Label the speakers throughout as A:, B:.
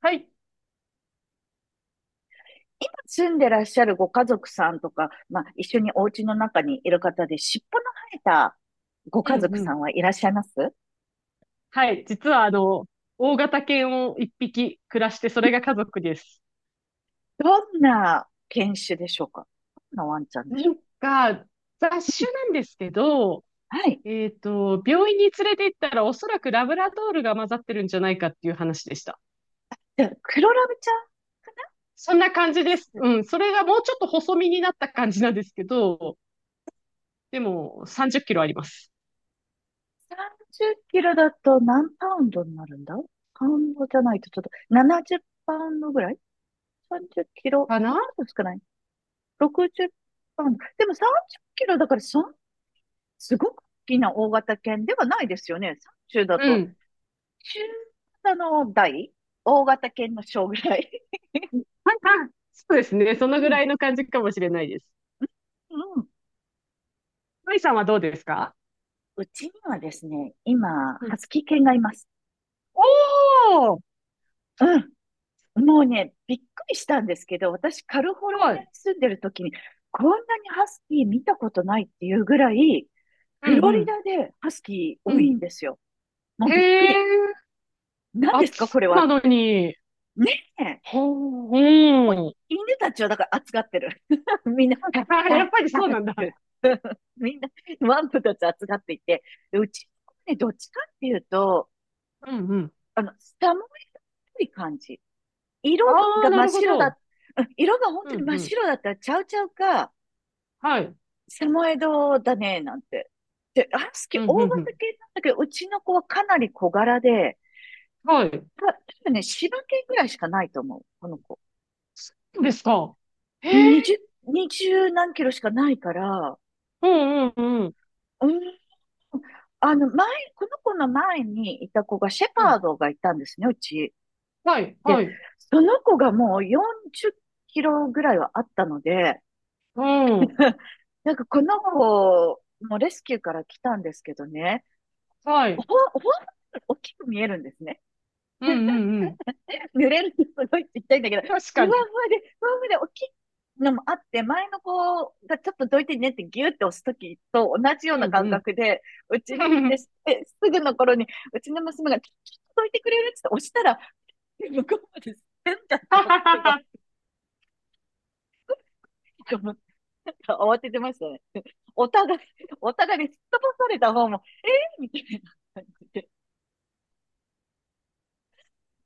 A: はい。
B: 住んでらっしゃるご家族さんとか、まあ、一緒にお家の中にいる方で、尻尾の生えたご
A: うん
B: 家
A: う
B: 族さ
A: ん。
B: んはいらっしゃいます
A: はい。実は、大型犬を一匹暮らして、それが家族です。
B: どんな犬種でしょうか？どんなワンちゃんで
A: な
B: しょ
A: んか、雑種なんですけど、
B: う？はい。
A: 病院に連れて行ったら、おそらくラブラドールが混ざってるんじゃないかっていう話でした。
B: じゃあ、黒ラブちゃ
A: そんな感じです。
B: ん、
A: うん。それがもうちょっと細身になった感じなんですけど、でも、30キロあります。
B: 30キロだと何パウンドになるんだ？パウンドじゃないとちょっと、70パウンドぐらい？ 30 キロ、
A: かな
B: もうちょっと少ない？ 60 パウンド。でも30キロだからそん、すごく大きな大型犬ではないですよね。30だ
A: う
B: と
A: ん。
B: 中型の大型犬の小ぐらい。
A: はいはい。そうですね。そのぐ
B: う
A: ら
B: ん。
A: いの感じかもしれないです。
B: うん。
A: マイさんはどうですか？
B: うちにはですね、今、
A: う
B: ハ
A: ん。
B: スキー犬がいます。
A: おー。
B: うん。もうね、びっくりしたんですけど、私、カリフォル
A: は
B: ニア
A: い。
B: に住んでる時に、こんなにハスキー見たことないっていうぐらい、
A: う
B: フ
A: ん
B: ロ
A: う
B: リ
A: ん。
B: ダでハスキー
A: う
B: 多いん
A: ん。
B: ですよ。もう
A: へ
B: びっく
A: え、
B: り。何です
A: 暑
B: か、
A: そ
B: これ
A: う
B: は
A: な
B: っ
A: の
B: て。
A: に。
B: ねえ。
A: ほう、
B: こう
A: うん。
B: 犬たちはだから扱ってる。みんな、はっ
A: あ、
B: は
A: やっ
B: っ
A: ぱり
B: は
A: そう
B: っっ
A: なんだ。
B: て みんな、ワンプたち扱っていて、で、うちの子ね、どっちかっていうと、
A: うんうん。
B: あの、下もい感じ。色
A: あ
B: が
A: あ、な
B: 真っ
A: るほ
B: 白
A: ど。
B: だ、うん、色が本
A: う
B: 当に
A: ん
B: 真っ
A: うん。
B: 白だったらちゃうちゃうか、
A: はい。
B: サモエドだね、なんて。で、ハスキ
A: う
B: ー
A: んう
B: 大
A: んう
B: 型
A: ん。
B: 犬なんだけど、うちの子はかなり小柄で、
A: はい。
B: 多分ね、柴犬ぐらいしかないと思う、この子。
A: そうですか。へえ、
B: 20、20何キロしかないから、
A: うんうんうん。
B: うーん、あの、前、この子の前にいた子が、シェ
A: う
B: パー
A: ん。
B: ドがいたんですね、うち。
A: はい、
B: で、
A: はい。
B: その子がもう40キロぐらいはあったので、
A: うん。
B: なんかこの
A: あ、
B: 子もレスキューから来たんですけどね、
A: は
B: ほ、
A: い。
B: ほん、大きく見えるんですね。
A: うんうんうん。
B: 濡れるのすごいちっちゃいんだけど、
A: 確かに。
B: ふわふわで大きいのもあって、前の子がちょっとどいてねってギュって押すときと同じよう
A: う
B: な
A: ん
B: 感
A: うん。
B: 覚で、うちに来て すぐの頃に、うちの娘が、ちょっとどいてくれるって押したら、向こうまで変だって
A: は
B: こ
A: は
B: とが、
A: は
B: と思って。なんか慌ててましたね。お互い、お互いにすっ飛ばされた方も、えー、みたいな感じで、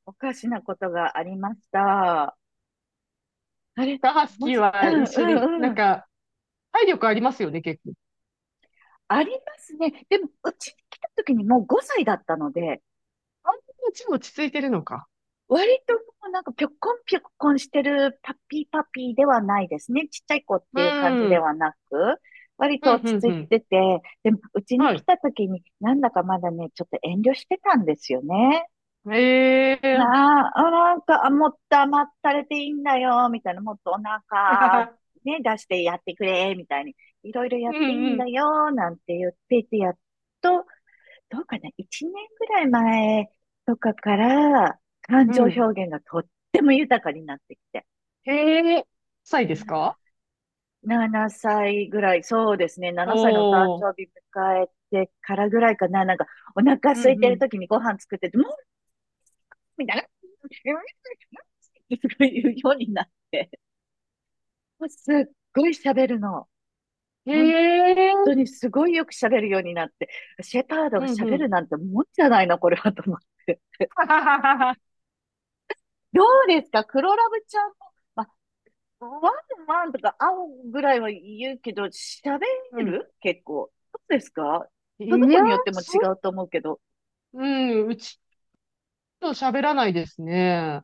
B: おかしなことがありました。あれ
A: は。ハス
B: も
A: キー
B: し、う
A: は
B: ん、
A: 一緒に、
B: うん、
A: な
B: う
A: ん
B: ん。
A: か、体力ありますよね、結構。
B: ありますね。でも、うちに来た時にもう5歳だったので、
A: あんなちも落ち着いてるのか。
B: 割ともうなんかぴょこんぴょこんしてるパピーではないですね。ちっちゃい子って
A: う
B: いう感じで
A: ん。
B: はなく、割
A: う
B: と
A: ん、
B: 落ち
A: うん、
B: 着
A: う
B: い
A: ん。
B: てて、でもうちに
A: は
B: 来
A: い。
B: た時になんだかまだね、ちょっと遠慮してたんですよね。
A: ええー。
B: なあ、なんか、もっと甘ったれていいんだよ、みたいな、もっとお腹、ね、出してやってくれ、みたいに、いろいろや
A: う
B: っていい
A: ん、
B: ん
A: う
B: だ
A: ん、
B: よ、なんて言っていて、やっとどうかな、1年ぐらい前とかから、感
A: う
B: 情表
A: ん。
B: 現がとっても豊かになってきて、
A: へえ、臭いですか？
B: 7歳ぐらい、そうですね、7歳のお誕
A: おー。
B: 生日迎えてからぐらいかな、なんか、お腹
A: うん、
B: 空いて
A: う
B: る
A: ん。
B: 時にご飯作ってて、もうみたいな、すごい言うようになって、もうすっごい喋るの。
A: へ
B: 本
A: え、
B: 当にすごいよく喋るようになって、シェパード
A: う
B: が
A: ん、う
B: 喋る
A: ん。
B: なんてもんじゃないな、これはと思って。
A: はははは。
B: どうですか黒ラブちゃんも、まあ、ワンワンとか会うぐらいは言うけど、喋
A: うん。
B: る結構。そうですか？
A: い
B: その子
A: や、
B: によっても違
A: そ、
B: うと思うけど、
A: うん、うちと喋らないですね。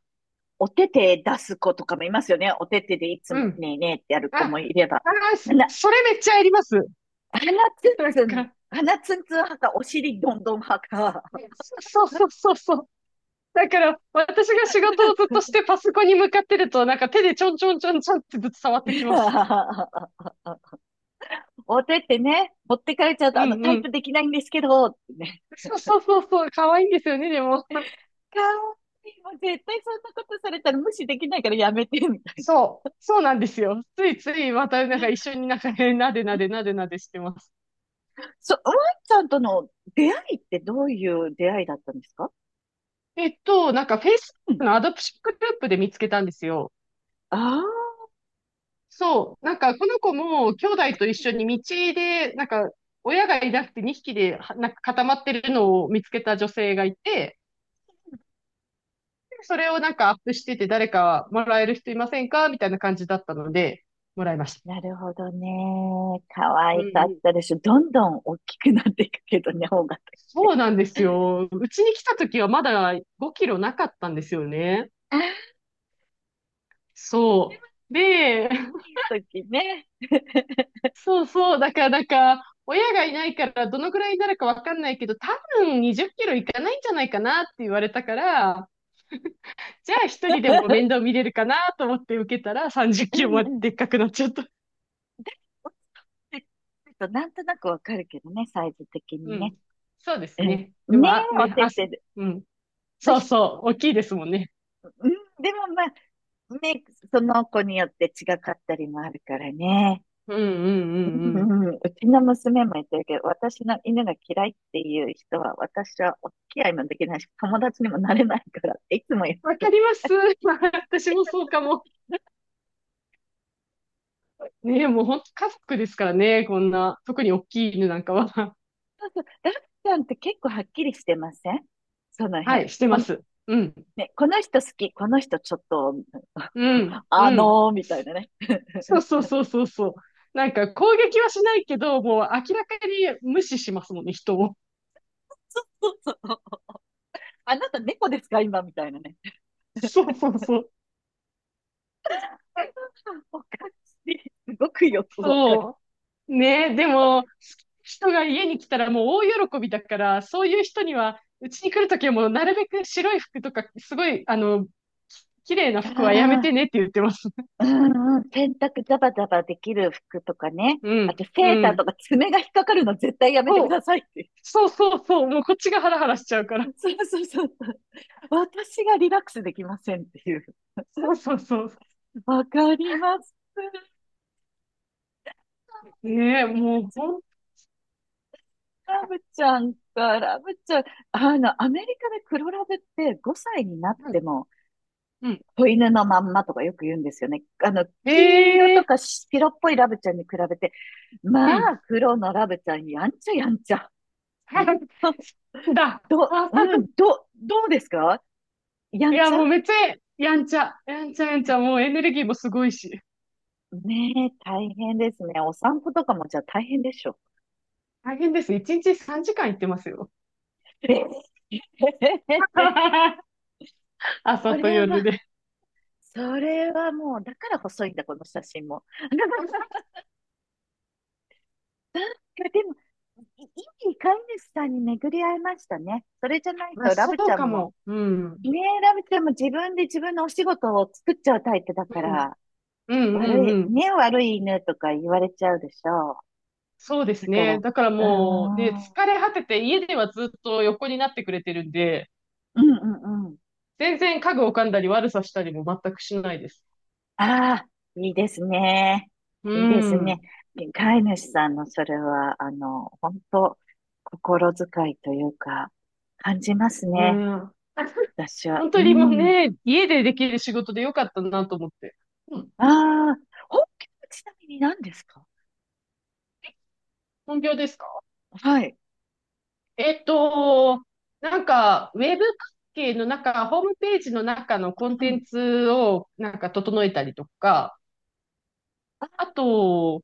B: お手手出す子とかもいますよね。お手手でいつ
A: う
B: も
A: ん。
B: ねえねえってやる
A: あ、
B: 子もいれば。
A: あー、そ
B: な、
A: それめっちゃやります。
B: 鼻
A: なんか、
B: 鼻ツンツン派か、お尻どんどん派か。
A: ね、そうそうそうそう。だから、私が仕事をずっとして パソコンに向かってると、なんか手でちょんちょんちょんちょんってずっと触ってきます。
B: お手手ね、持ってかれちゃう
A: う
B: と、あの、
A: ん
B: タ
A: う
B: イプ
A: ん。
B: できないんですけど、ってね。
A: そうそうそうそう、可愛いんですよね、でも。
B: かわいい。もう絶対そんなことされたら無視できないからやめて、みたいな。
A: そう、そうなんですよ。ついついまたなんか一緒になんかね、なでなでなでなでしてます。
B: そ、ワンちゃんとの出会いってどういう出会いだったんですか？
A: なんか
B: うん。
A: Facebook のアドプショングループで見つけたんですよ。
B: ああ、
A: そう、なんかこの子も兄弟と一緒に道で、なんか親がいなくて2匹ではなんか固まってるのを見つけた女性がいて、でそれをなんかアップしてて誰かもらえる人いませんかみたいな感じだったので、もらいました。
B: なるほどね。可
A: う
B: 愛かっ
A: ん、
B: たでしょ。どんどん大きくなっていくけどね、方が。
A: そうなんですよ。うちに来た時はまだ5キロなかったんですよね。
B: あ
A: そう。で、
B: あ時ね。
A: そうそう。だからなんか、親がいないからどのくらいになるかわかんないけど、多分20キロいかないんじゃないかなって言われたから、じゃあ一人でも面 倒見れるかなと思って受けたら30キ
B: う
A: ロ
B: ん
A: まで
B: うん。
A: でっかくなっちゃった。
B: ちてっとなんとなくわかるけどね、サイズ的
A: う
B: にね。
A: ん。そうです
B: う
A: ね。で
B: ん。ね
A: も、あ、
B: え、お
A: ね、
B: て
A: 汗。
B: てで、
A: うん。
B: まあ、
A: そう
B: ひ
A: そう。大きいですもんね。
B: うん、でもまあ、ね、その子によって違かったりもあるからね。
A: うんうんうん
B: う
A: うん。
B: んうん、うちの娘も言ってるけど、私の犬が嫌いっていう人は、私はお付き合いもできないし、友達にもなれないからっていつも言っ
A: わ
B: て
A: か
B: る。
A: ります。私もそうかも。ねえ、もう本当家族ですからね、こんな、特に大きい犬なんかは。
B: ダッちゃんって結構はっきりしてません？その
A: は
B: 辺。
A: い、して
B: こ
A: ま
B: の、
A: す。うん、
B: ね、この人好き、この人ちょっと、
A: うん、
B: あ
A: う
B: の
A: ん。
B: ー、みたいなね。
A: そうそうそうそうそう。なんか攻撃はしないけど、もう明らかに無視しますもんね、人を。
B: そうそうそう。あなた猫ですか今みたいなね。
A: そ うそうそう。
B: おかしい。すごくよくわかる。
A: そう。ねえ、でも、人が家に来たらもう大喜びだから、そういう人には、うちに来るときはもうなるべく白い服とか、すごい、き綺麗な
B: あ
A: 服はやめて
B: あ。
A: ねって言ってます。
B: うんうん、洗濯ザバザバできる服とかね。
A: う
B: あ
A: ん、
B: とセー
A: う
B: ターと
A: ん。
B: か爪が引っかかるの絶対やめてくださいっていう。
A: そうそうそうそう、もうこっちがハラハラしちゃうから。
B: そうそうそう。私がリラックスできませんっていう。
A: そうそうそう。
B: わかります。
A: ねえ、もうほん、
B: ラブちゃんか、ラブちゃん。あの、アメリカで黒ラブって5歳になっ
A: う
B: て
A: ん、
B: も、
A: うん。
B: 子犬のまんまとかよく言うんですよね。あの、
A: え
B: 黄色と
A: え、
B: か白っぽいラブちゃんに比べて、ま
A: う
B: あ、
A: ん。
B: 黒のラブちゃん、やんちゃやんちゃ。
A: だ。あ、
B: どうですか？や
A: い
B: ん
A: や、
B: ちゃ？
A: もうめっちゃ、やんちゃ、やんちゃやんちゃ、もうエネルギーもすごいし。
B: ねえ、大変ですね。お散歩とかもじゃあ大変でしょ。
A: 大変です。一日3時間行ってますよ。
B: ええ
A: 朝
B: そ
A: と
B: れ
A: 夜
B: は、
A: で。
B: それはもう、だから細いんだ、この写真も。なんか、でも、いい飼い主さんに巡り合いましたね。それじゃない
A: まあ、
B: と、ラ
A: そ
B: ブち
A: う
B: ゃ
A: か
B: んも、
A: も。うん。
B: ねえ、ラブちゃんも自分で自分のお仕事を作っちゃうタイプだか
A: うん。
B: ら、
A: うんうんうん。
B: 悪い犬とか言われちゃうでしょ
A: そうで
B: う。だ
A: す
B: から、
A: ね。
B: う
A: だから
B: ー
A: もうね、
B: ん、うん
A: 疲れ果てて家ではずっと横になってくれてるんで、
B: うんうん。
A: 全然家具を噛んだり悪さしたりも全くしないです。
B: ああ、いいですね。
A: う
B: いいですね。
A: ん。
B: 飼い主さんのそれは、あの、本当心遣いというか、感じます
A: ね
B: ね。
A: え。
B: 私は。
A: 本
B: う
A: 当にもう
B: ん。
A: ね、家でできる仕事でよかったなと思って。うん。
B: ああ、本気はちなみに何ですか？
A: 本業ですか？
B: はい。
A: えっと、なんか、ウェブ関係の中、ホームページの中のコン
B: うんう
A: テン
B: ん。
A: ツをなんか整えたりとか、あ
B: あ
A: と、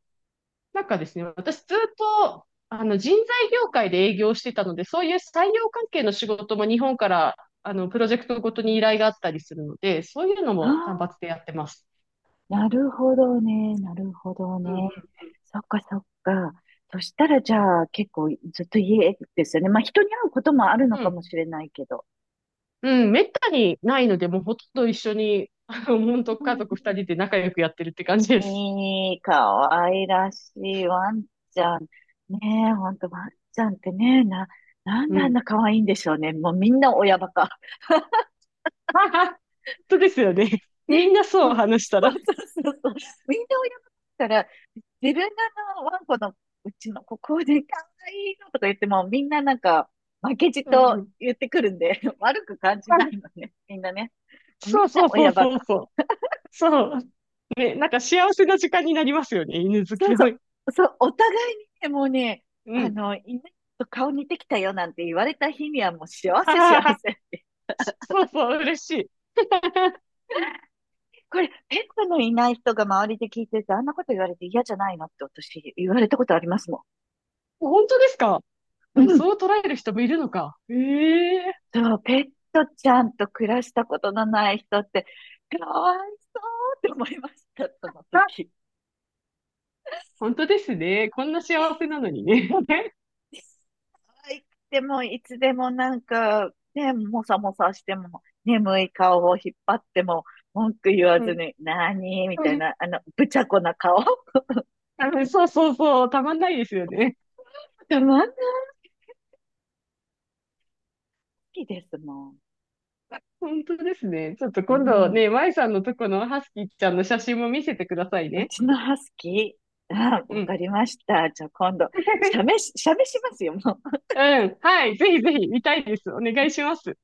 A: なんかですね、私ずっと、人材業界で営業してたので、そういう採用関係の仕事も日本から、プロジェクトごとに依頼があったりするので、そういうのも単
B: あ
A: 発でやってます。
B: ー、なるほどね。なるほど
A: うん
B: ね。そっかそっか。そしたらじゃあ結構ずっと家ですよね。まあ人に会うこともあるの
A: う
B: かも
A: ん。
B: しれないけど。
A: うん、うん、めったにないので、もうほとんど一緒に、本当
B: うん
A: 家
B: う
A: 族二人
B: ん、
A: で仲良くやってるって感じです。
B: いい、可愛らしいワンちゃん。ねえ、ほんとワンちゃんってね、な、なん
A: う
B: であん
A: ん。
B: な可愛いんでしょうね。もうみんな親バカ。
A: はは、本当ですよね。
B: ね、
A: みんな
B: も
A: そう
B: う、
A: 話し
B: そ
A: たら。
B: うそうそうそう。みんな親バカだから、自分があのワンコのうちのここで可愛いのとか言っても、みんななんか、負けじ
A: うん
B: と
A: うん。
B: 言ってくるんで、悪く感じ
A: は
B: な
A: い、
B: いのね。みんなね。み
A: そ
B: ん
A: う
B: な
A: そうそう
B: 親バ
A: そう
B: カ。
A: そう。そう。ね、なんか幸せな時間になりますよね、犬好
B: そ
A: き
B: うそ
A: の。
B: う、そう、お互いにね、もうね、
A: う
B: あ
A: ん。
B: の、犬と顔似てきたよなんて言われた日にはもう幸 せ幸
A: ああ、
B: せって。
A: そうそう、嬉しい。
B: これ、ペットのいない人が周りで聞いてて、あんなこと言われて嫌じゃないのって私言われたことありますも
A: 本当ですか？
B: ん。
A: な
B: う
A: んか
B: ん。
A: そう捉える人もいるのか。ええ、
B: そう、ペットちゃんと暮らしたことのない人って、かわいそうって思いました、その
A: あ、
B: 時。
A: 本当ですね。こんな幸せなのにね。
B: いつでもなんか、ね、もさもさしても、眠い顔を引っ張っても、文句言わ
A: う
B: ず
A: ん。
B: に、なにみたいな、あの、ぶちゃこな顔。
A: あそうそうそう、たまんないですよね。
B: でまんなきですもん。
A: 本当ですね。ちょっと
B: う
A: 今度
B: ん。
A: ね、舞さんのとこのハスキーちゃんの写真も見せてください
B: う
A: ね。
B: ちのハスキー。あ、
A: う
B: わ
A: ん。
B: かりました。じゃあ今度、写メしますよ、も
A: うん。はい。ぜひぜひ
B: う。
A: 見たいです。お願いし ます。